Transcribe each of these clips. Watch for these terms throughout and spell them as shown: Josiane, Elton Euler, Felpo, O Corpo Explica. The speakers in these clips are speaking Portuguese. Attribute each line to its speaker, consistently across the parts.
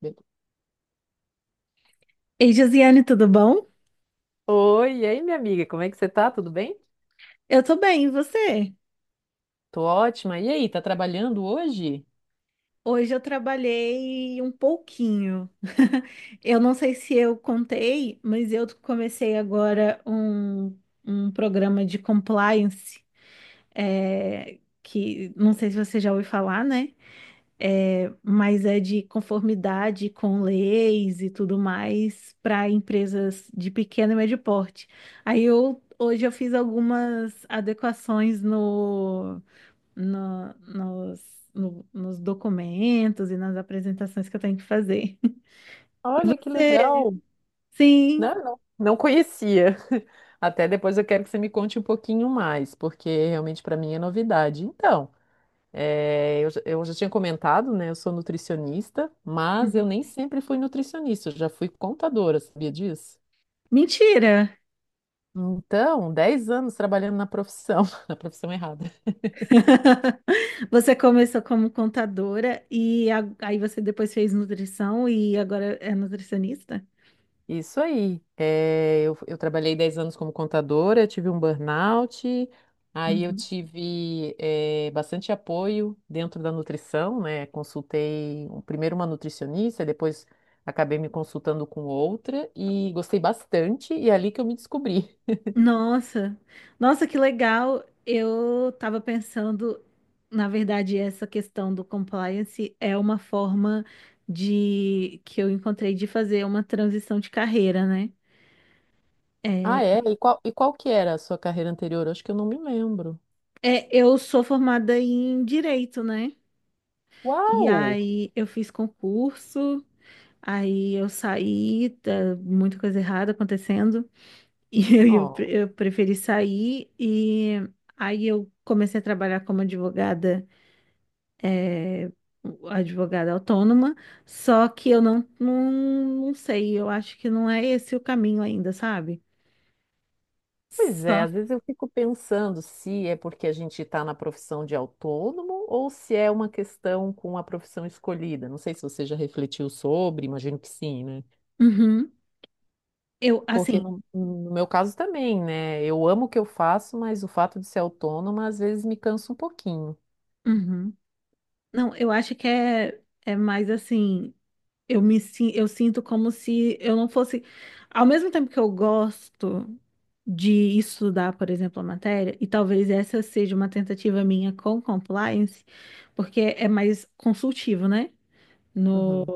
Speaker 1: Be-
Speaker 2: Ei, Josiane, tudo bom?
Speaker 1: Oi, e aí, minha amiga, como é que você tá? Tudo bem?
Speaker 2: Eu tô bem, e você?
Speaker 1: Tô ótima. E aí, tá trabalhando hoje?
Speaker 2: Hoje eu trabalhei um pouquinho. Eu não sei se eu contei, mas eu comecei agora um programa de compliance, é, que não sei se você já ouviu falar, né? É, mas é de conformidade com leis e tudo mais para empresas de pequeno e médio porte. Hoje eu fiz algumas adequações no- nos, nos documentos e nas apresentações que eu tenho que fazer.
Speaker 1: Olha que
Speaker 2: Você-
Speaker 1: legal,
Speaker 2: Sim.
Speaker 1: né? Não, não conhecia. Até depois eu quero que você me conte um pouquinho mais, porque realmente para mim é novidade. Então, eu já tinha comentado, né? Eu sou nutricionista, mas eu
Speaker 2: Uhum.
Speaker 1: nem sempre fui nutricionista, eu já fui contadora, sabia disso?
Speaker 2: Mentira!
Speaker 1: Então, 10 anos trabalhando na profissão, na profissão errada.
Speaker 2: Você começou como contadora e aí você depois fez nutrição e agora é nutricionista?
Speaker 1: Isso aí. É, eu trabalhei 10 anos como contadora, eu tive um burnout, aí eu
Speaker 2: Uhum.
Speaker 1: tive bastante apoio dentro da nutrição, né? Consultei primeiro uma nutricionista, depois acabei me consultando com outra e gostei bastante, e é ali que eu me descobri.
Speaker 2: Nossa, nossa, que legal. Eu estava pensando, na verdade, essa questão do compliance é uma forma de que eu encontrei de fazer uma transição de carreira, né?
Speaker 1: Ah,
Speaker 2: É,
Speaker 1: é?
Speaker 2: porque-
Speaker 1: E qual que era a sua carreira anterior? Acho que eu não me lembro.
Speaker 2: é, eu sou formada em direito, né? E
Speaker 1: Uau!
Speaker 2: aí eu fiz concurso, aí eu saí, tá muita coisa errada acontecendo, e
Speaker 1: Ó.
Speaker 2: eu preferi sair, e aí eu comecei a trabalhar como advogada, é, advogada autônoma, só que eu não, não, não sei, eu acho que não é esse o caminho ainda, sabe?
Speaker 1: Pois é,
Speaker 2: Só.
Speaker 1: às vezes eu fico pensando se é porque a gente está na profissão de autônomo ou se é uma questão com a profissão escolhida. Não sei se você já refletiu sobre, imagino que sim, né?
Speaker 2: Uhum. Eu,
Speaker 1: Porque
Speaker 2: assim.
Speaker 1: no meu caso também, né? Eu amo o que eu faço, mas o fato de ser autônoma às vezes me cansa um pouquinho.
Speaker 2: Uhum. Não, eu acho que é mais assim, eu sinto como se eu não fosse, ao mesmo tempo que eu gosto de estudar, por exemplo, a matéria, e talvez essa seja uma tentativa minha com compliance, porque é mais consultivo, né? No
Speaker 1: Uhum.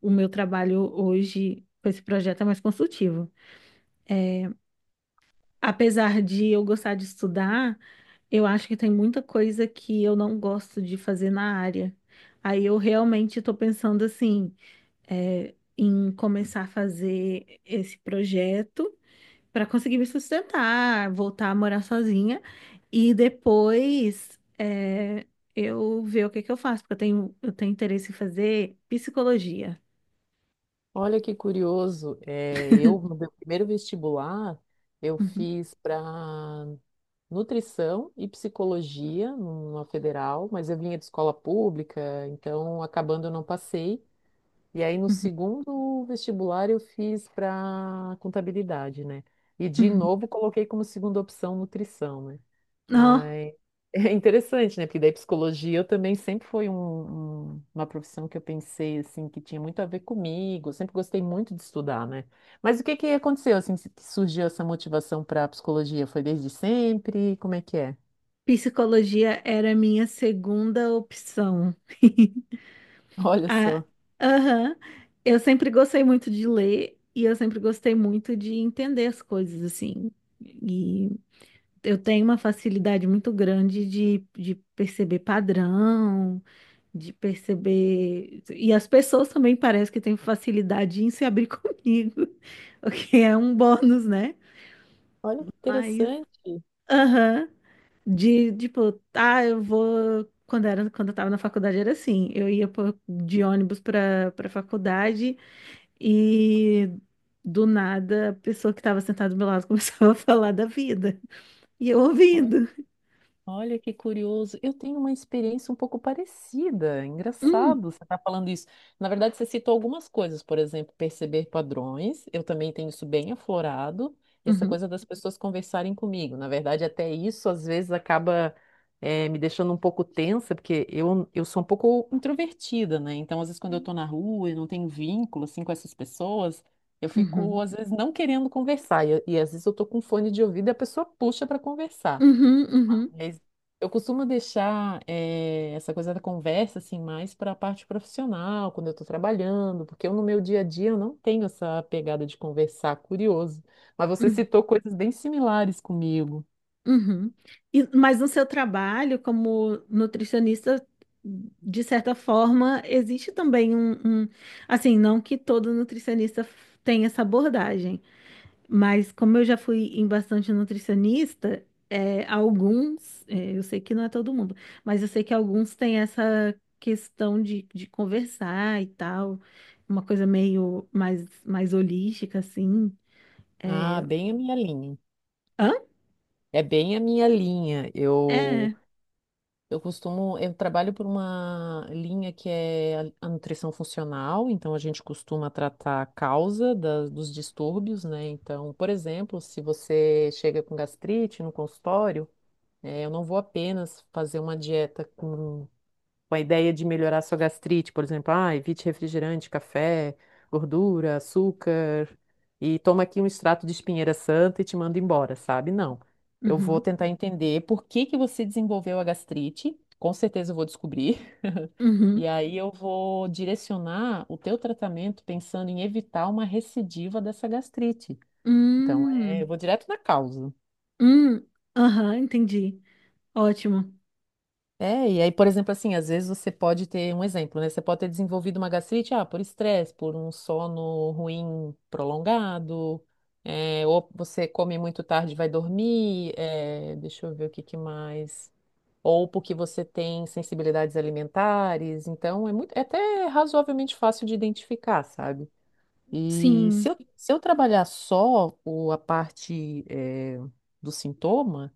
Speaker 2: o meu trabalho hoje com esse projeto é mais consultivo. É, apesar de eu gostar de estudar, eu acho que tem muita coisa que eu não gosto de fazer na área. Aí eu realmente estou pensando assim, é, em começar a fazer esse projeto para conseguir me sustentar, voltar a morar sozinha e depois é, eu ver o que que eu faço, porque eu tenho interesse em fazer psicologia.
Speaker 1: Olha que curioso, é, eu no meu primeiro vestibular eu
Speaker 2: Uhum,
Speaker 1: fiz para nutrição e psicologia numa federal, mas eu vinha de escola pública, então acabando eu não passei. E aí no
Speaker 2: uhum,
Speaker 1: segundo vestibular eu fiz para contabilidade, né? E de
Speaker 2: uhum.
Speaker 1: novo coloquei como segunda opção nutrição, né?
Speaker 2: Não,
Speaker 1: Mas é interessante, né? Porque daí psicologia eu também sempre foi uma profissão que eu pensei assim que tinha muito a ver comigo. Eu sempre gostei muito de estudar, né? Mas o que que aconteceu assim que surgiu essa motivação para a psicologia? Foi desde sempre? Como é que é?
Speaker 2: psicologia era a minha segunda opção.
Speaker 1: Olha
Speaker 2: Ah,
Speaker 1: só,
Speaker 2: aham. Eu sempre gostei muito de ler e eu sempre gostei muito de entender as coisas assim. E eu tenho uma facilidade muito grande de perceber padrão, de perceber. E as pessoas também parecem que têm facilidade em se abrir comigo, o que é um bônus, né?
Speaker 1: olha que
Speaker 2: Mas,
Speaker 1: interessante.
Speaker 2: aham, de tipo, ah, eu vou. Quando era, quando eu tava na faculdade era assim, eu ia de ônibus para faculdade e do nada a pessoa que estava sentada do meu lado começava a falar da vida. E eu ouvindo.
Speaker 1: Olha que curioso. Eu tenho uma experiência um pouco parecida.
Speaker 2: Hum,
Speaker 1: Engraçado você estar falando isso. Na verdade, você citou algumas coisas, por exemplo, perceber padrões. Eu também tenho isso bem aflorado. E essa
Speaker 2: uhum.
Speaker 1: coisa das pessoas conversarem comigo. Na verdade, até isso às vezes acaba me deixando um pouco tensa, porque eu sou um pouco introvertida, né? Então, às vezes, quando eu estou na rua e não tenho vínculo assim, com essas pessoas, eu fico,
Speaker 2: Uhum,
Speaker 1: às vezes, não querendo conversar. E às vezes eu estou com fone de ouvido e a pessoa puxa para conversar.
Speaker 2: uhum, uhum,
Speaker 1: Mas eu costumo deixar essa coisa da conversa assim mais para a parte profissional, quando eu estou trabalhando, porque eu no meu dia a dia eu não tenho essa pegada de conversar, curioso. Mas você
Speaker 2: uhum,
Speaker 1: citou coisas bem similares comigo.
Speaker 2: uhum. E, mas no seu trabalho como nutricionista, de certa forma, existe também um- assim, não que todo nutricionista tenha essa abordagem, mas como eu já fui em bastante nutricionista, é, alguns, é, eu sei que não é todo mundo, mas eu sei que alguns têm essa questão de conversar e tal, uma coisa meio mais, mais holística, assim.
Speaker 1: Ah,
Speaker 2: É...
Speaker 1: bem a minha linha.
Speaker 2: Hã?
Speaker 1: É bem a minha linha. Eu
Speaker 2: É.
Speaker 1: Eu costumo, eu trabalho por uma linha que é a nutrição funcional, então a gente costuma tratar a causa dos distúrbios, né? Então, por exemplo, se você chega com gastrite no consultório, eu não vou apenas fazer uma dieta com a ideia de melhorar sua gastrite, por exemplo, ah, evite refrigerante, café, gordura, açúcar, e toma aqui um extrato de espinheira santa e te manda embora, sabe? Não. Eu vou
Speaker 2: Uhum,
Speaker 1: tentar entender por que que você desenvolveu a gastrite. Com certeza eu vou descobrir.
Speaker 2: uhum,
Speaker 1: E aí eu vou direcionar o teu tratamento pensando em evitar uma recidiva dessa gastrite. Então, é, eu
Speaker 2: hum,
Speaker 1: vou direto na causa.
Speaker 2: hum, aham, entendi. Ótimo.
Speaker 1: É, e aí, por exemplo, assim, às vezes você pode ter um exemplo, né? Você pode ter desenvolvido uma gastrite, ah, por estresse, por um sono ruim prolongado, é, ou você come muito tarde e vai dormir, é, deixa eu ver o que que mais. Ou porque você tem sensibilidades alimentares, então é muito, é até razoavelmente fácil de identificar, sabe? E
Speaker 2: Sim.
Speaker 1: se eu, se eu trabalhar só a parte, é, do sintoma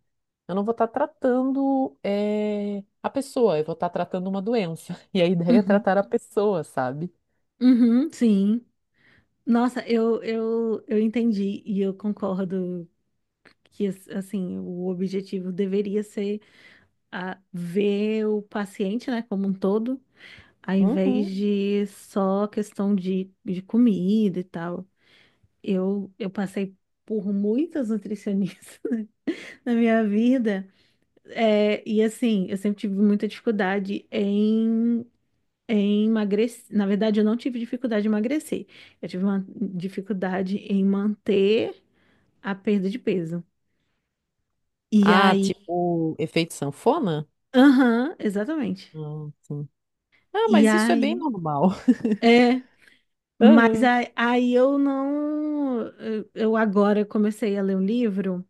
Speaker 1: eu não vou estar tratando a pessoa, eu vou estar tratando uma doença. E a ideia é
Speaker 2: Uhum,
Speaker 1: tratar a pessoa, sabe?
Speaker 2: uhum, sim. Nossa, eu entendi e eu concordo que, assim, o objetivo deveria ser a ver o paciente, né, como um todo, ao invés
Speaker 1: Uhum.
Speaker 2: de só questão de comida e tal. Eu passei por muitas nutricionistas na minha vida. É, e assim, eu sempre tive muita dificuldade em, em emagrecer. Na verdade, eu não tive dificuldade em emagrecer. Eu tive uma dificuldade em manter a perda de peso. E
Speaker 1: Ah,
Speaker 2: aí,
Speaker 1: tipo, efeito sanfona?
Speaker 2: aham, exatamente.
Speaker 1: Ah, sim. Ah,
Speaker 2: E
Speaker 1: mas isso é bem
Speaker 2: aí,
Speaker 1: normal.
Speaker 2: é, mas
Speaker 1: Aham.
Speaker 2: aí, aí eu não. Eu agora comecei a ler um livro.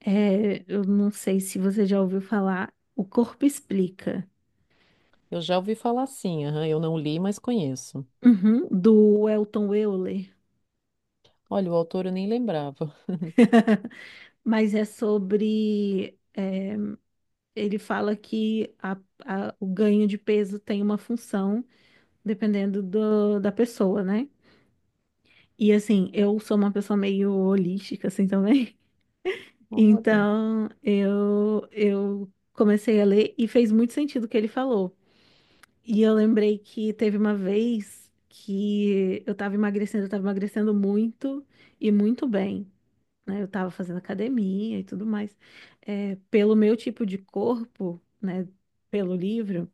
Speaker 2: É, eu não sei se você já ouviu falar, O Corpo Explica,
Speaker 1: Eu já ouvi falar assim, aham. Eu não li, mas conheço.
Speaker 2: uhum, do Elton Euler.
Speaker 1: Olha, o autor eu nem lembrava.
Speaker 2: Mas é sobre. É, ele fala que o ganho de peso tem uma função dependendo da pessoa, né? E assim, eu sou uma pessoa meio holística, assim também.
Speaker 1: Olha.
Speaker 2: Então, eu comecei a ler e fez muito sentido o que ele falou. E eu lembrei que teve uma vez que eu tava emagrecendo muito e muito bem. Né? Eu tava fazendo academia e tudo mais. É, pelo meu tipo de corpo, né? Pelo livro,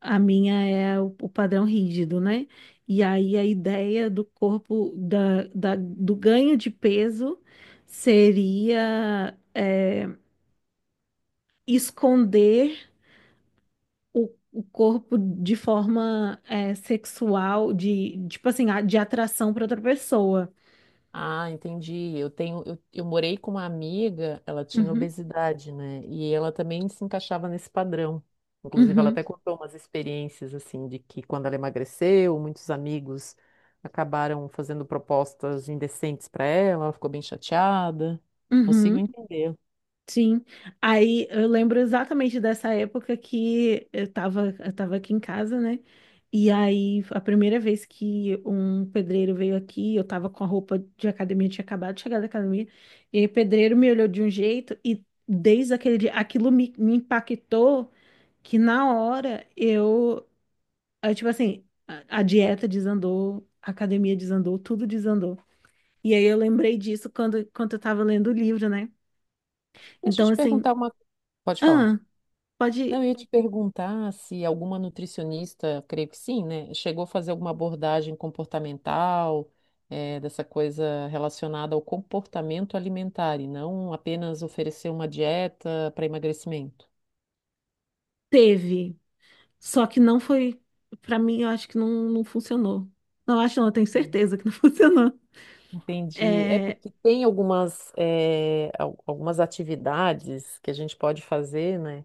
Speaker 2: a minha é o padrão rígido, né? E aí a ideia do corpo, do ganho de peso seria é, esconder o corpo de forma é, sexual, de tipo assim, de atração para outra pessoa.
Speaker 1: Ah, entendi. Eu tenho, eu morei com uma amiga, ela tinha
Speaker 2: Uhum,
Speaker 1: obesidade, né? E ela também se encaixava nesse padrão. Inclusive, ela
Speaker 2: uhum,
Speaker 1: até contou umas experiências assim de que quando ela emagreceu, muitos amigos acabaram fazendo propostas indecentes para ela, ela ficou bem chateada. Consigo
Speaker 2: uhum.
Speaker 1: entender.
Speaker 2: Sim, aí eu lembro exatamente dessa época que eu tava aqui em casa, né? E aí, a primeira vez que um pedreiro veio aqui, eu tava com a roupa de academia, eu tinha acabado de chegar da academia, e aí o pedreiro me olhou de um jeito, e desde aquele dia, aquilo me impactou que na hora tipo assim, a dieta desandou, a academia desandou, tudo desandou. E aí eu lembrei disso quando eu tava lendo o livro, né?
Speaker 1: Deixa eu
Speaker 2: Então,
Speaker 1: te
Speaker 2: assim,
Speaker 1: perguntar uma. Pode falar.
Speaker 2: ah, pode.
Speaker 1: Não, eu ia te perguntar se alguma nutricionista, creio que sim, né? Chegou a fazer alguma abordagem comportamental, dessa coisa relacionada ao comportamento alimentar e não apenas oferecer uma dieta para emagrecimento.
Speaker 2: Teve, só que não foi, pra mim, eu acho que não funcionou. Não acho, não, eu tenho
Speaker 1: Hum.
Speaker 2: certeza que não funcionou.
Speaker 1: Entendi. É
Speaker 2: É...
Speaker 1: porque tem algumas, algumas atividades que a gente pode fazer, né?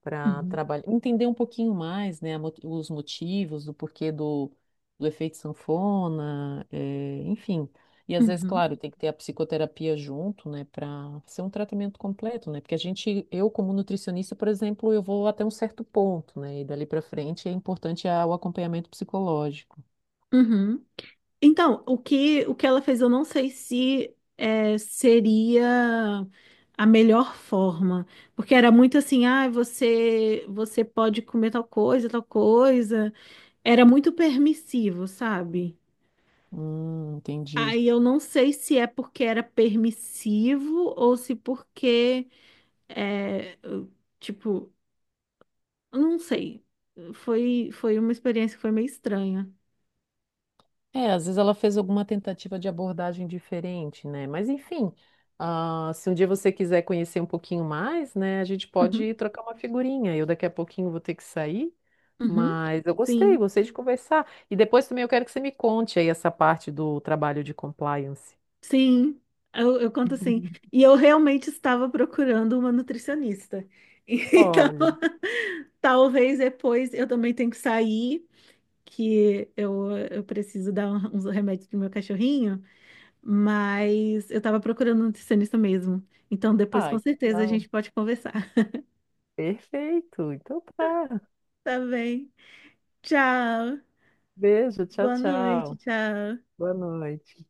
Speaker 1: Para
Speaker 2: Uhum,
Speaker 1: trabalhar, entender um pouquinho mais, né, a os motivos, do porquê do, do efeito sanfona, é, enfim. E às vezes,
Speaker 2: uhum,
Speaker 1: claro, tem que ter a psicoterapia junto, né, para ser um tratamento completo, né? Porque a gente, eu como nutricionista, por exemplo, eu vou até um certo ponto, né? E dali para frente é importante o acompanhamento psicológico.
Speaker 2: uhum. Então, o que ela fez, eu não sei se é, seria a melhor forma, porque era muito assim, ah, você pode comer tal coisa, tal coisa. Era muito permissivo, sabe?
Speaker 1: Entendi.
Speaker 2: Aí eu não sei se é porque era permissivo ou se porque é, eu, tipo, eu não sei. Foi uma experiência que foi meio estranha.
Speaker 1: É, às vezes ela fez alguma tentativa de abordagem diferente, né? Mas enfim, ah, se um dia você quiser conhecer um pouquinho mais, né, a gente
Speaker 2: Uhum,
Speaker 1: pode trocar uma figurinha. Eu daqui a pouquinho vou ter que sair,
Speaker 2: uhum.
Speaker 1: mas eu gostei,
Speaker 2: Sim,
Speaker 1: gostei de conversar. E depois também eu quero que você me conte aí essa parte do trabalho de compliance.
Speaker 2: sim. Eu conto assim. E eu realmente estava procurando uma nutricionista. Então,
Speaker 1: Olha,
Speaker 2: talvez depois eu também tenho que sair, que eu preciso dar uns remédios pro meu cachorrinho, mas eu estava procurando um nutricionista mesmo. Então, depois com
Speaker 1: ai, que
Speaker 2: certeza a
Speaker 1: legal.
Speaker 2: gente pode conversar.
Speaker 1: Perfeito, então tá.
Speaker 2: Tá bem. Tchau.
Speaker 1: Beijo, tchau,
Speaker 2: Boa noite,
Speaker 1: tchau.
Speaker 2: tchau.
Speaker 1: Boa noite.